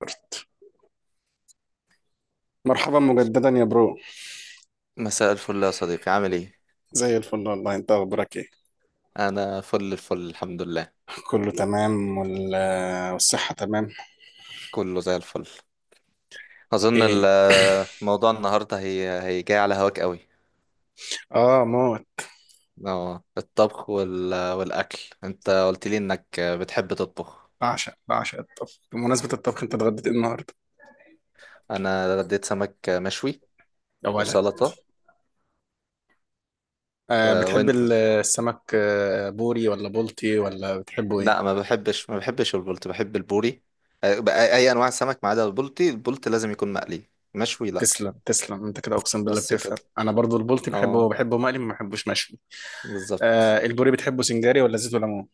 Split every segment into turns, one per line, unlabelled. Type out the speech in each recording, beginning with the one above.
كارت. مرحبا مجددا يا برو.
مساء الفل يا صديقي، عامل ايه؟
زي الفل والله، انت اخبارك ايه؟
انا فل الفل الحمد لله.
كله تمام والصحة تمام.
كله زي الفل. اظن
ايه؟
الموضوع النهارده هي جاي على هواك قوي.
اه موت.
اه، الطبخ والاكل، انت قلت لي انك بتحب تطبخ.
بعشق الطبخ. بمناسبة الطبخ، انت اتغديت ايه النهارده؟
انا رديت سمك مشوي
اولا،
وسلطه. و...
آه بتحب
وانت؟
السمك آه بوري ولا بولتي ولا بتحبه ايه؟
لا، ما بحبش البلطي، بحب البوري. أي انواع سمك ما عدا البلطي، البلطي لازم يكون مقلي، مشوي لا.
تسلم انت كده، اقسم بالله
بس كده.
بتفهم. انا برضو البولتي بحبه
اه،
بحبه مقلي، ما بحبوش مشوي.
بالظبط.
آه البوري بتحبه سنجاري ولا زيت وليمون؟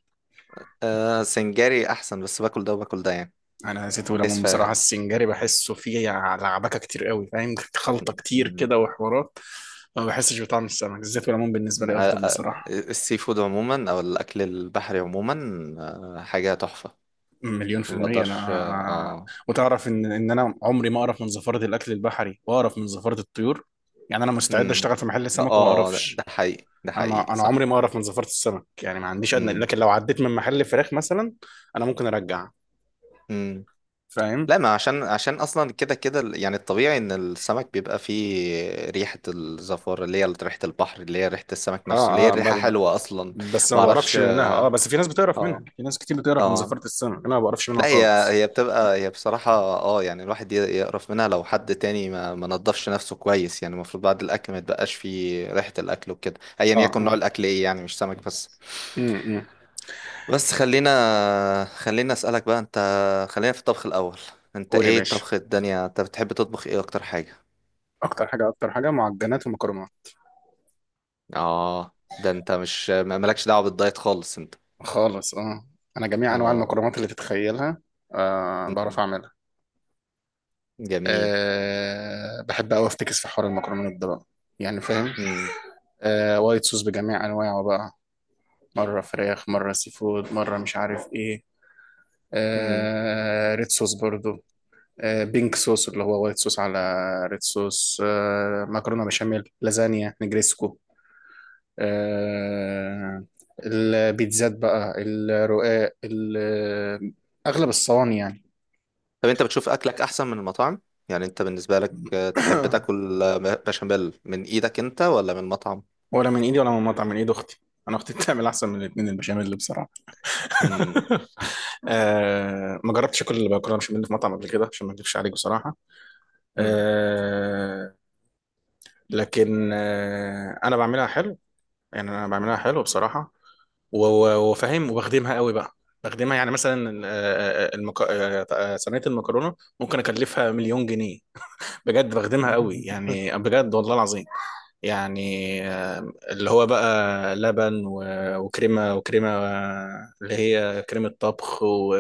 آه، سنجاري احسن، بس باكل ده وباكل ده يعني.
انا زيت
دايس
وليمون بصراحه.
فيها.
السنجاري بحسه فيه لعبكه كتير قوي، فاهم؟ خلطه كتير
مم.
كده وحوارات. ما بحسش بطعم السمك. الزيت والليمون بالنسبه
آه،
لي افضل
آه،
بصراحه.
السي فود عموما او الاكل البحري عموما، حاجه تحفه،
مليون في
ما
المية
بقدرش.
أنا.
اه.
وتعرف إن أنا عمري ما أقرف من زفارة الأكل البحري، وأقرف من زفارة الطيور. يعني أنا مستعد
امم.
أشتغل في محل
لا،
سمك وما
اه، ده
أقرفش.
ده حقيقي، ده حقيقي
أنا عمري
صح.
ما أقرف من زفارة السمك، يعني ما عنديش أدنى.
امم،
لكن لو عديت من محل فراخ مثلا، أنا ممكن أرجع.
امم.
فاهم؟
لا، ما، عشان اصلا كده كده يعني الطبيعي ان السمك بيبقى فيه ريحه الزفار، اللي هي ريحه البحر، اللي هي ريحه السمك نفسه، اللي هي
آه آه،
الريحه حلوه اصلا.
بس ما
ما اعرفش.
بعرفش منها، اه. بس في ناس بتعرف
اه،
منها، في ناس كتير بتعرف من
اه.
زفارة السمك، انا ما بعرفش منها
لا، هي
خالص.
هي بتبقى هي بصراحة. اه، يعني الواحد يقرف منها لو حد تاني ما نضفش نفسه كويس. يعني المفروض بعد الأكل ما يتبقاش فيه ريحة الأكل وكده، أيا
اه
يكن نوع
اه.
الأكل إيه، يعني مش سمك بس.
امم
بس خلينا أسألك بقى، أنت خلينا في الطبخ الأول. أنت
قول يا
إيه
باشا.
الطبخ الدنيا أنت بتحب تطبخ إيه أكتر حاجة؟
اكتر حاجه معجنات ومكرونات.
آه، ده أنت مش مالكش دعوة بالدايت خالص أنت.
خالص، اه. انا جميع انواع
آه.
المكرونات اللي تتخيلها آه بعرف
مم.
اعملها.
جميل.
آه بحب قوي افتكس في حوار المكرونات ده بقى، يعني فاهم.
مم.
آه وايت صوص بجميع انواعه بقى، مره فراخ مره سي فود مره مش عارف ايه.
مم.
آه ريد صوص برضو. بينك صوص اللي هو وايت صوص على ريد صوص. مكرونه بشاميل، لازانيا، نجريسكو. آه، البيتزات بقى، الرقاق، اغلب الصواني يعني.
طب انت بتشوف اكلك احسن من المطاعم؟ يعني انت بالنسبه لك تحب تاكل بشاميل من ايدك انت ولا من مطعم؟
ولا من ايدي ولا من مطعم، من ايد اختي. انا اختي بتعمل احسن من الاثنين البشاميل، اللي بصراحه.
امم.
آه، ما جربتش اكل المكرونه بشاميل في مطعم قبل كده عشان ما اكذبش عليك بصراحه.
امم.
آه، لكن آه انا بعملها حلو، يعني انا بعملها حلو بصراحه. وفاهم وبخدمها قوي بقى. بخدمها يعني مثلا، آه، آه، آه، المك... آه، آه، صينيه المكرونه ممكن اكلفها مليون جنيه. بجد بخدمها قوي يعني، بجد والله العظيم. يعني اللي هو بقى لبن وكريمه آه، اللي هي كريمه طبخ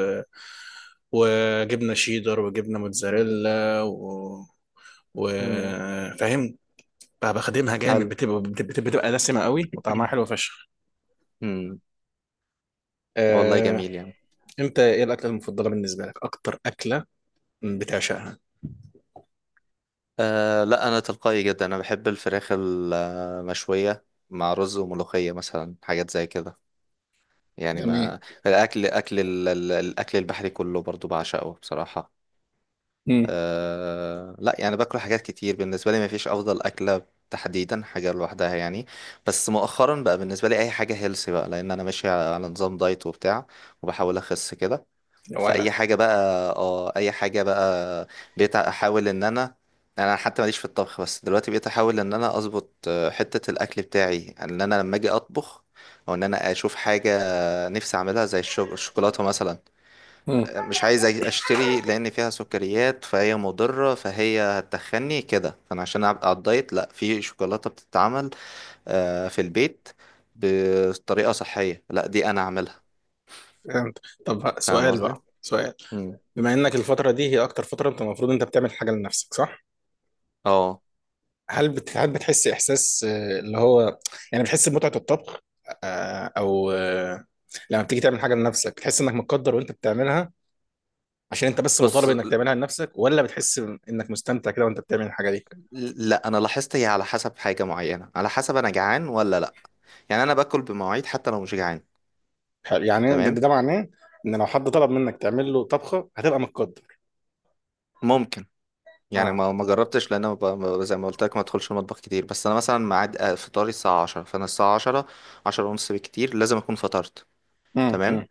وجبنه شيدر وجبنه موتزاريلا
امم.
وفاهم. بقى بخدمها جامد،
حلو.
بتبقى دسمه قوي وطعمها حلو فشخ.
امم. والله
آه،
جميل يعني.
انت ايه الاكله المفضله بالنسبه لك، اكتر اكله بتعشقها؟
أه، لا، انا تلقائي جدا، انا بحب الفراخ المشويه مع رز وملوخيه مثلا، حاجات زي كده يعني.
جميل.
ما الاكل، الاكل البحري كله برضو بعشقه بصراحه.
امم.
أه، لا، يعني باكل حاجات كتير، بالنسبة لي مفيش أفضل أكلة تحديدا حاجة لوحدها يعني. بس مؤخرا بقى بالنسبة لي أي حاجة هيلسي بقى، لأن أنا ماشي على نظام دايت وبتاع، وبحاول أخس كده.
يا ولد.
فأي حاجة بقى. اه، أي حاجة بقى. بقيت أحاول إن أنا، أنا حتى ماليش في الطبخ، بس دلوقتي بقيت أحاول إن أنا أظبط حتة الأكل بتاعي، يعني إن أنا لما أجي أطبخ أو إن أنا أشوف حاجة نفسي أعملها زي الشوكولاتة مثلا،
امم.
مش عايز اشتري لان فيها سكريات، فهي مضرة، فهي هتخني كده، فانا عشان ابقى على الدايت لا، في شوكولاتة بتتعمل في البيت بطريقة صحية، لا دي انا اعملها.
فهمت. طب
فاهم
سؤال
قصدي؟
بقى، سؤال:
مم.
بما انك الفتره دي هي اكتر فتره انت المفروض انت بتعمل حاجه لنفسك، صح؟
اه،
هل بتحس احساس آه، اللي هو، يعني بتحس بمتعه الطبخ؟ آه، او آه، لما بتيجي تعمل حاجه لنفسك بتحس انك متقدر وانت بتعملها عشان انت بس مطالب
بص،
انك تعملها لنفسك، ولا بتحس انك مستمتع كده وانت بتعمل الحاجه دي؟
لا انا لاحظت هي على حسب حاجة معينة، على حسب انا جعان ولا لا. يعني انا باكل بمواعيد حتى لو مش جعان.
حلو. يعني ده,
تمام.
ده معناه ان لو حد طلب منك تعمل له طبخه هتبقى متقدر.
ممكن. يعني
اه.
ما جربتش، لان أنا زي ما قلت لك ما ادخلش المطبخ كتير، بس انا مثلا ميعاد فطاري الساعه 10، فانا الساعه 10، 10 ونص بالكتير لازم اكون فطرت. تمام.
امم.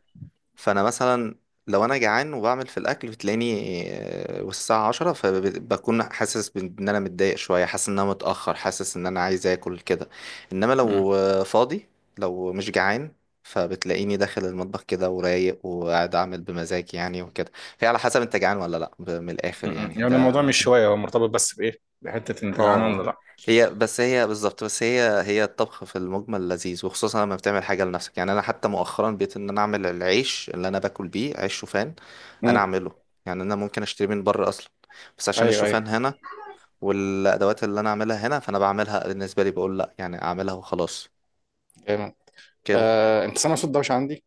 فانا مثلا لو انا جعان وبعمل في الاكل بتلاقيني والساعه 10، فبكون حاسس بان انا متضايق شويه، حاسس ان انا متاخر، حاسس ان انا عايز اكل كده. انما
امم.
لو فاضي، لو مش جعان، فبتلاقيني داخل المطبخ كده ورايق، وقاعد اعمل بمزاج يعني وكده. فهي على حسب انت جعان ولا لا، من الاخر
امم.
يعني.
يعني الموضوع مش شويه، هو مرتبط بس بايه؟ بحته انت جعان ولا
اه،
لا.
هي بالظبط. بس هي الطبخ في المجمل لذيذ، وخصوصا لما بتعمل حاجه لنفسك. يعني انا حتى مؤخرا بقيت ان انا اعمل العيش اللي انا باكل بيه عيش شوفان، انا
امم.
اعمله. يعني انا ممكن اشتري من بره اصلا، بس عشان
ايوه ايوه.
الشوفان هنا والادوات اللي انا اعملها هنا، فانا بعملها بالنسبه لي بقول لا، يعني اعملها وخلاص
تمام.
كده.
انت سامع صوت دوشه عندي؟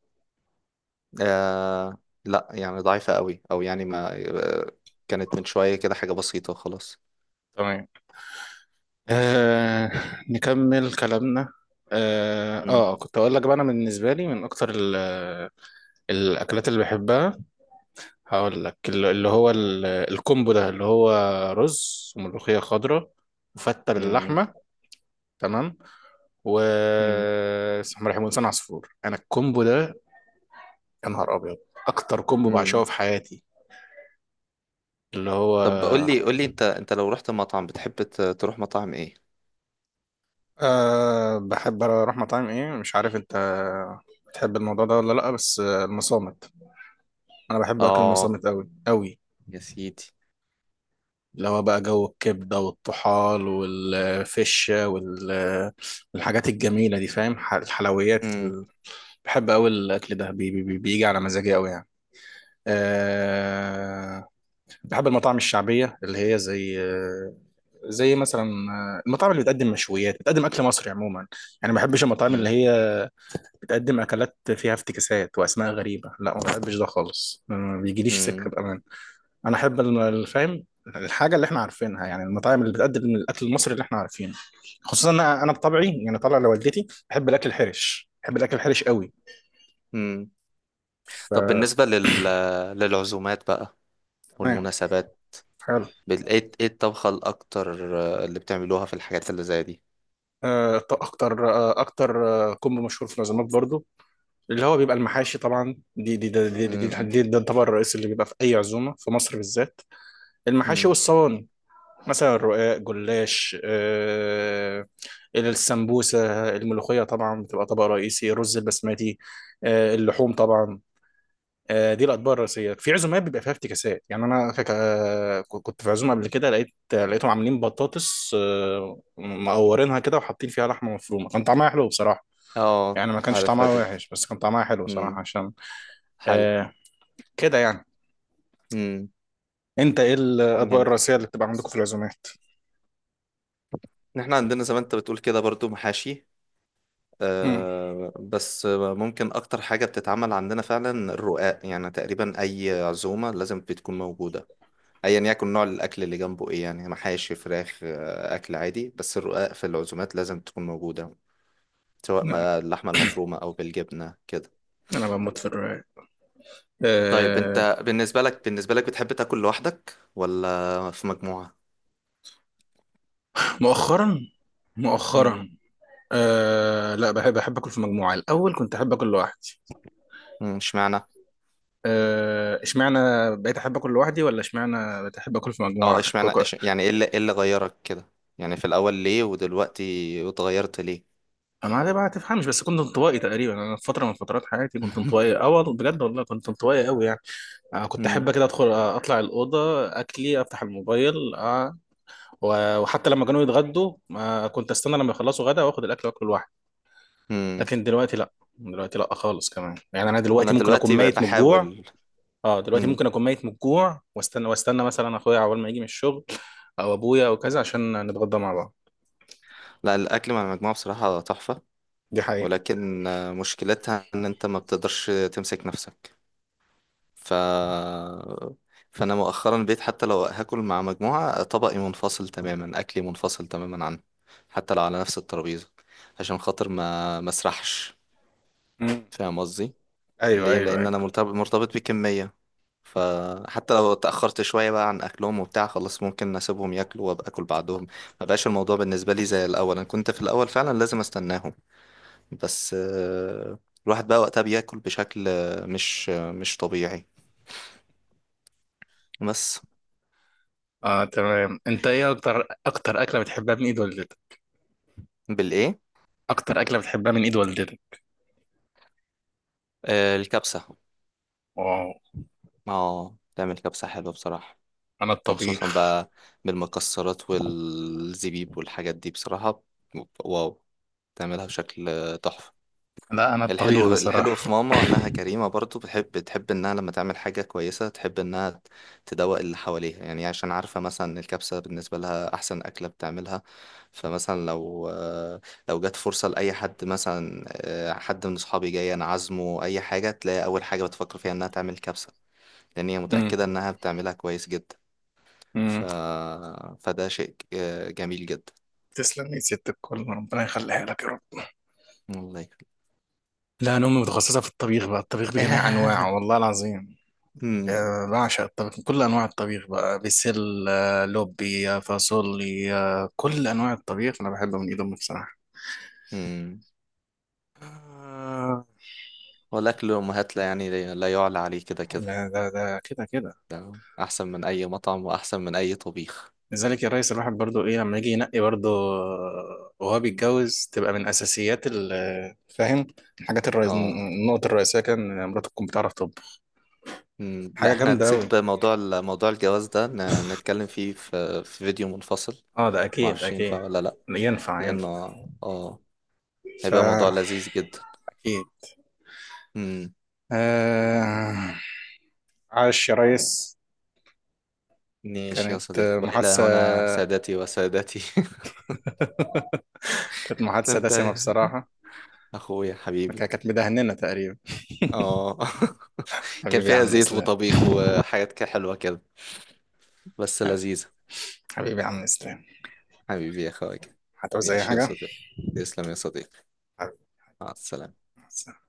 آه، لا، يعني ضعيفه قوي، او يعني ما آه، كانت من شويه كده حاجه بسيطه وخلاص.
تمام. آه، نكمل كلامنا. اه
مم.
كنت اقول لك بقى، انا بالنسبه لي من اكتر الاكلات اللي بحبها، هقول لك اللي هو الكومبو ده، اللي هو رز وملوخيه خضراء وفته
مم.
باللحمه. تمام. و
مم.
اسمه رحمة حسين عصفور، انا الكومبو ده، يا نهار ابيض، اكتر كومبو بعشقه
مم.
في حياتي، اللي هو.
طب قول لي انت لو رحت مطعم بتحب تروح مطاعم ايه؟
أه بحب اروح مطاعم، ايه مش عارف انت بتحب الموضوع ده ولا لا، بس المصامت. انا بحب اكل
اه،
المصامت قوي قوي،
يا سيدي.
اللي هو بقى جو الكبده والطحال والفشه والحاجات الجميله دي فاهم، الحلويات
امم.
بحب قوي الاكل ده. بيجي على مزاجي قوي يعني. أه بحب المطاعم الشعبيه اللي هي زي، زي مثلا المطاعم اللي بتقدم مشويات، بتقدم اكل مصري عموما. يعني ما بحبش المطاعم اللي
امم.
هي بتقدم اكلات فيها افتكاسات واسماء غريبه، لا ما بحبش ده خالص، ما بيجيليش
امم.
سكه بامان. انا احب الفاهم الحاجه اللي احنا عارفينها، يعني المطاعم اللي بتقدم الاكل المصري اللي احنا عارفينه. خصوصا انا بطبعي يعني طالع لوالدتي، بحب الاكل الحرش، بحب الاكل الحرش قوي.
امم.
ف
طب بالنسبة للعزومات بقى
تمام.
والمناسبات،
حلو.
ايه، الطبخة الاكتر اللي بتعملوها في الحاجات اللي زي دي؟
آه، ط- اكتر آه، اكتر آه، كومبو مشهور في العزومات برضو، اللي هو بيبقى المحاشي طبعا، دي دي ده دي دي, دي,
امم.
دي, ده الطبق الرئيسي اللي بيبقى في اي عزومه في مصر بالذات. المحاشي
امم.
والصواني، مثلا الرقاق، جلاش، آه السمبوسه، الملوخيه طبعا بتبقى طبق رئيسي، الرز البسمتي، آه اللحوم طبعا. آه دي الاطباق الرئيسيه. في عزومات بيبقى فيها افتكاسات، يعني انا فاكر كنت في عزومه قبل كده، لقيت لقيتهم عاملين بطاطس آه مقورينها كده وحاطين فيها لحمه مفرومه، كان طعمها حلو بصراحه.
اه،
يعني ما كانش
عارفها
طعمها
دي.
وحش، بس كان طعمها حلو
امم.
صراحه عشان
حلو.
آه، كده يعني.
امم.
انت ايه الاطباق
جميل.
الرئيسيه اللي بتبقى عندكم في العزومات؟
احنا عندنا زي ما انت بتقول كده برضو محاشي،
مم.
آه، بس آه، ممكن اكتر حاجة بتتعمل عندنا فعلا الرقاق، يعني تقريبا اي عزومة لازم بتكون موجودة، ايا يكن نوع الاكل اللي جنبه ايه، يعني محاشي، فراخ، اكل عادي، بس الرقاق في العزومات لازم تكون موجودة، سواء
لا،
ما اللحمة المفرومة او بالجبنة كده.
انا بموت في الرواية.
طيب
آه.
انت بالنسبة لك بتحب تاكل لوحدك ولا في مجموعة؟
مؤخرا،
امم.
مؤخرا، آه لا بحب، احب اكل في مجموعة. الاول كنت احب اكل لوحدي.
أمم، اشمعنى.
آه، اشمعنى اشمعنى بقيت احب اكل في
اه،
مجموعة؟
اشمعنى
كوكو.
يعني ايه اللي، ايه اللي غيرك كده؟ يعني في الاول ليه ودلوقتي اتغيرت ليه؟
انا ده بقى ما تفهمش، بس كنت انطوائي تقريبا. انا في فترة من فترات حياتي كنت انطوائي، اه والله بجد، والله كنت انطوائي قوي يعني. آه كنت احب كده ادخل، اطلع الأوضة اكلي، افتح الموبايل، آه و- وحتى لما كانوا يتغدوا ما كنت استنى لما يخلصوا، غدا واخد الاكل واكله لوحدي.
امم.
لكن دلوقتي لا، دلوقتي لا خالص، كمان يعني انا
انا
دلوقتي ممكن اكون
دلوقتي بقى
ميت من الجوع،
بحاول.
اه دلوقتي
مم.
ممكن اكون ميت من الجوع واستنى، واستنى مثلا اخويا عقبال ما يجي من الشغل او ابويا او كذا، عشان نتغدى مع بعض.
لا، الاكل مع المجموعه بصراحه تحفه،
دي حقيقة.
ولكن مشكلتها ان انت ما بتقدرش تمسك نفسك. ف فانا مؤخرا بقيت حتى لو هاكل مع مجموعه طبقي منفصل تماما، اكلي منفصل تماما عنه، حتى لو على نفس الترابيزه، عشان خاطر ما مسرحش.
مم.
فاهم قصدي؟
ايوه
ليه؟
ايوه
لان انا
ايوه.
مرتبط بكميه، فحتى لو اتاخرت شويه بقى عن اكلهم وبتاع، خلاص ممكن اسيبهم ياكلوا وابقى اكل بعدهم. ما بقاش الموضوع بالنسبه لي زي الاول، انا كنت في الاول فعلا لازم استناهم. بس الواحد بقى وقتها بياكل بشكل مش طبيعي. بس.
اه تمام. انت ايه اكتر اكله بتحبها من ايد والدتك؟
بالايه؟
اكتر اكله بتحبها من ايد والدتك؟
الكبسه.
واو.
اه، تعمل كبسه حلوه بصراحه،
انا
وخصوصا
الطبيخ،
بقى بالمكسرات والزبيب والحاجات دي بصراحه، واو، تعملها بشكل تحفه.
لا انا الطبيخ
الحلو الحلو
بصراحه.
في ماما انها كريمة برضو، بتحب انها لما تعمل حاجة كويسة تحب انها تدوق اللي حواليها، يعني عشان عارفة مثلا إن الكبسة بالنسبة لها احسن اكلة بتعملها. فمثلا لو جت فرصة لأي حد مثلا، حد من اصحابي جاي انا عازمه اي حاجة، تلاقي اول حاجة بتفكر فيها انها تعمل كبسة، لان هي
امم.
متأكدة انها بتعملها كويس جدا. ف...
امم.
فده شيء جميل جدا.
تسلم يا ست الكل، ربنا يخليها لك يا رب.
والله.
لا انا امي متخصصه في الطبيخ بقى، الطبيخ بجميع انواعه والله العظيم. بعشق الطبيخ، كل انواع الطبيخ بقى، بسل لوبي فاصولي كل انواع الطبيخ انا بحبه من ايد امي بصراحه.
مم.
آه.
والأكل الأمهات لا يعني، لا يعلى عليه كده كده.
لا ده ده كده كده.
ده أحسن من أي مطعم وأحسن من أي طبيخ.
لذلك يا ريس، الواحد برضو ايه لما يجي ينقي برضو وهو بيتجوز، تبقى من اساسيات فاهم، الحاجات الرئيس،
اه.
النقطه الرئيسيه كان إن مراته تكون بتعرف تطبخ.
مم، لا
حاجه
احنا
جامده قوي.
هنسيب موضوع موضوع الجواز ده نتكلم فيه في فيديو منفصل،
اه ده اكيد
معرفش
اكيد.
ينفع ولا لأ.
ينفع
لأنه
ينفع. فا
هيبقى موضوع لذيذ جدا.
اكيد.
مم.
آه. عاش يا ريس.
ماشي يا
كانت
صديقي، وإلى هنا
محادثة،
سادتي وسادتي.
كانت
ده
محادثة
انت
دسمة بصراحة.
أخويا حبيبي.
كانت مدهننا تقريبا.
اه. كان
حبيبي يا
فيها
عم
زيت
إسلام.
وطبيخ وحاجات كده حلوة كده، بس لذيذة.
حبيبي يا عم إسلام.
حبيبي يا اخويا.
هتعوز أي
ماشي يا
حاجة؟
صديقي. تسلم يا صديقي. مع السلامة.
حبيبي.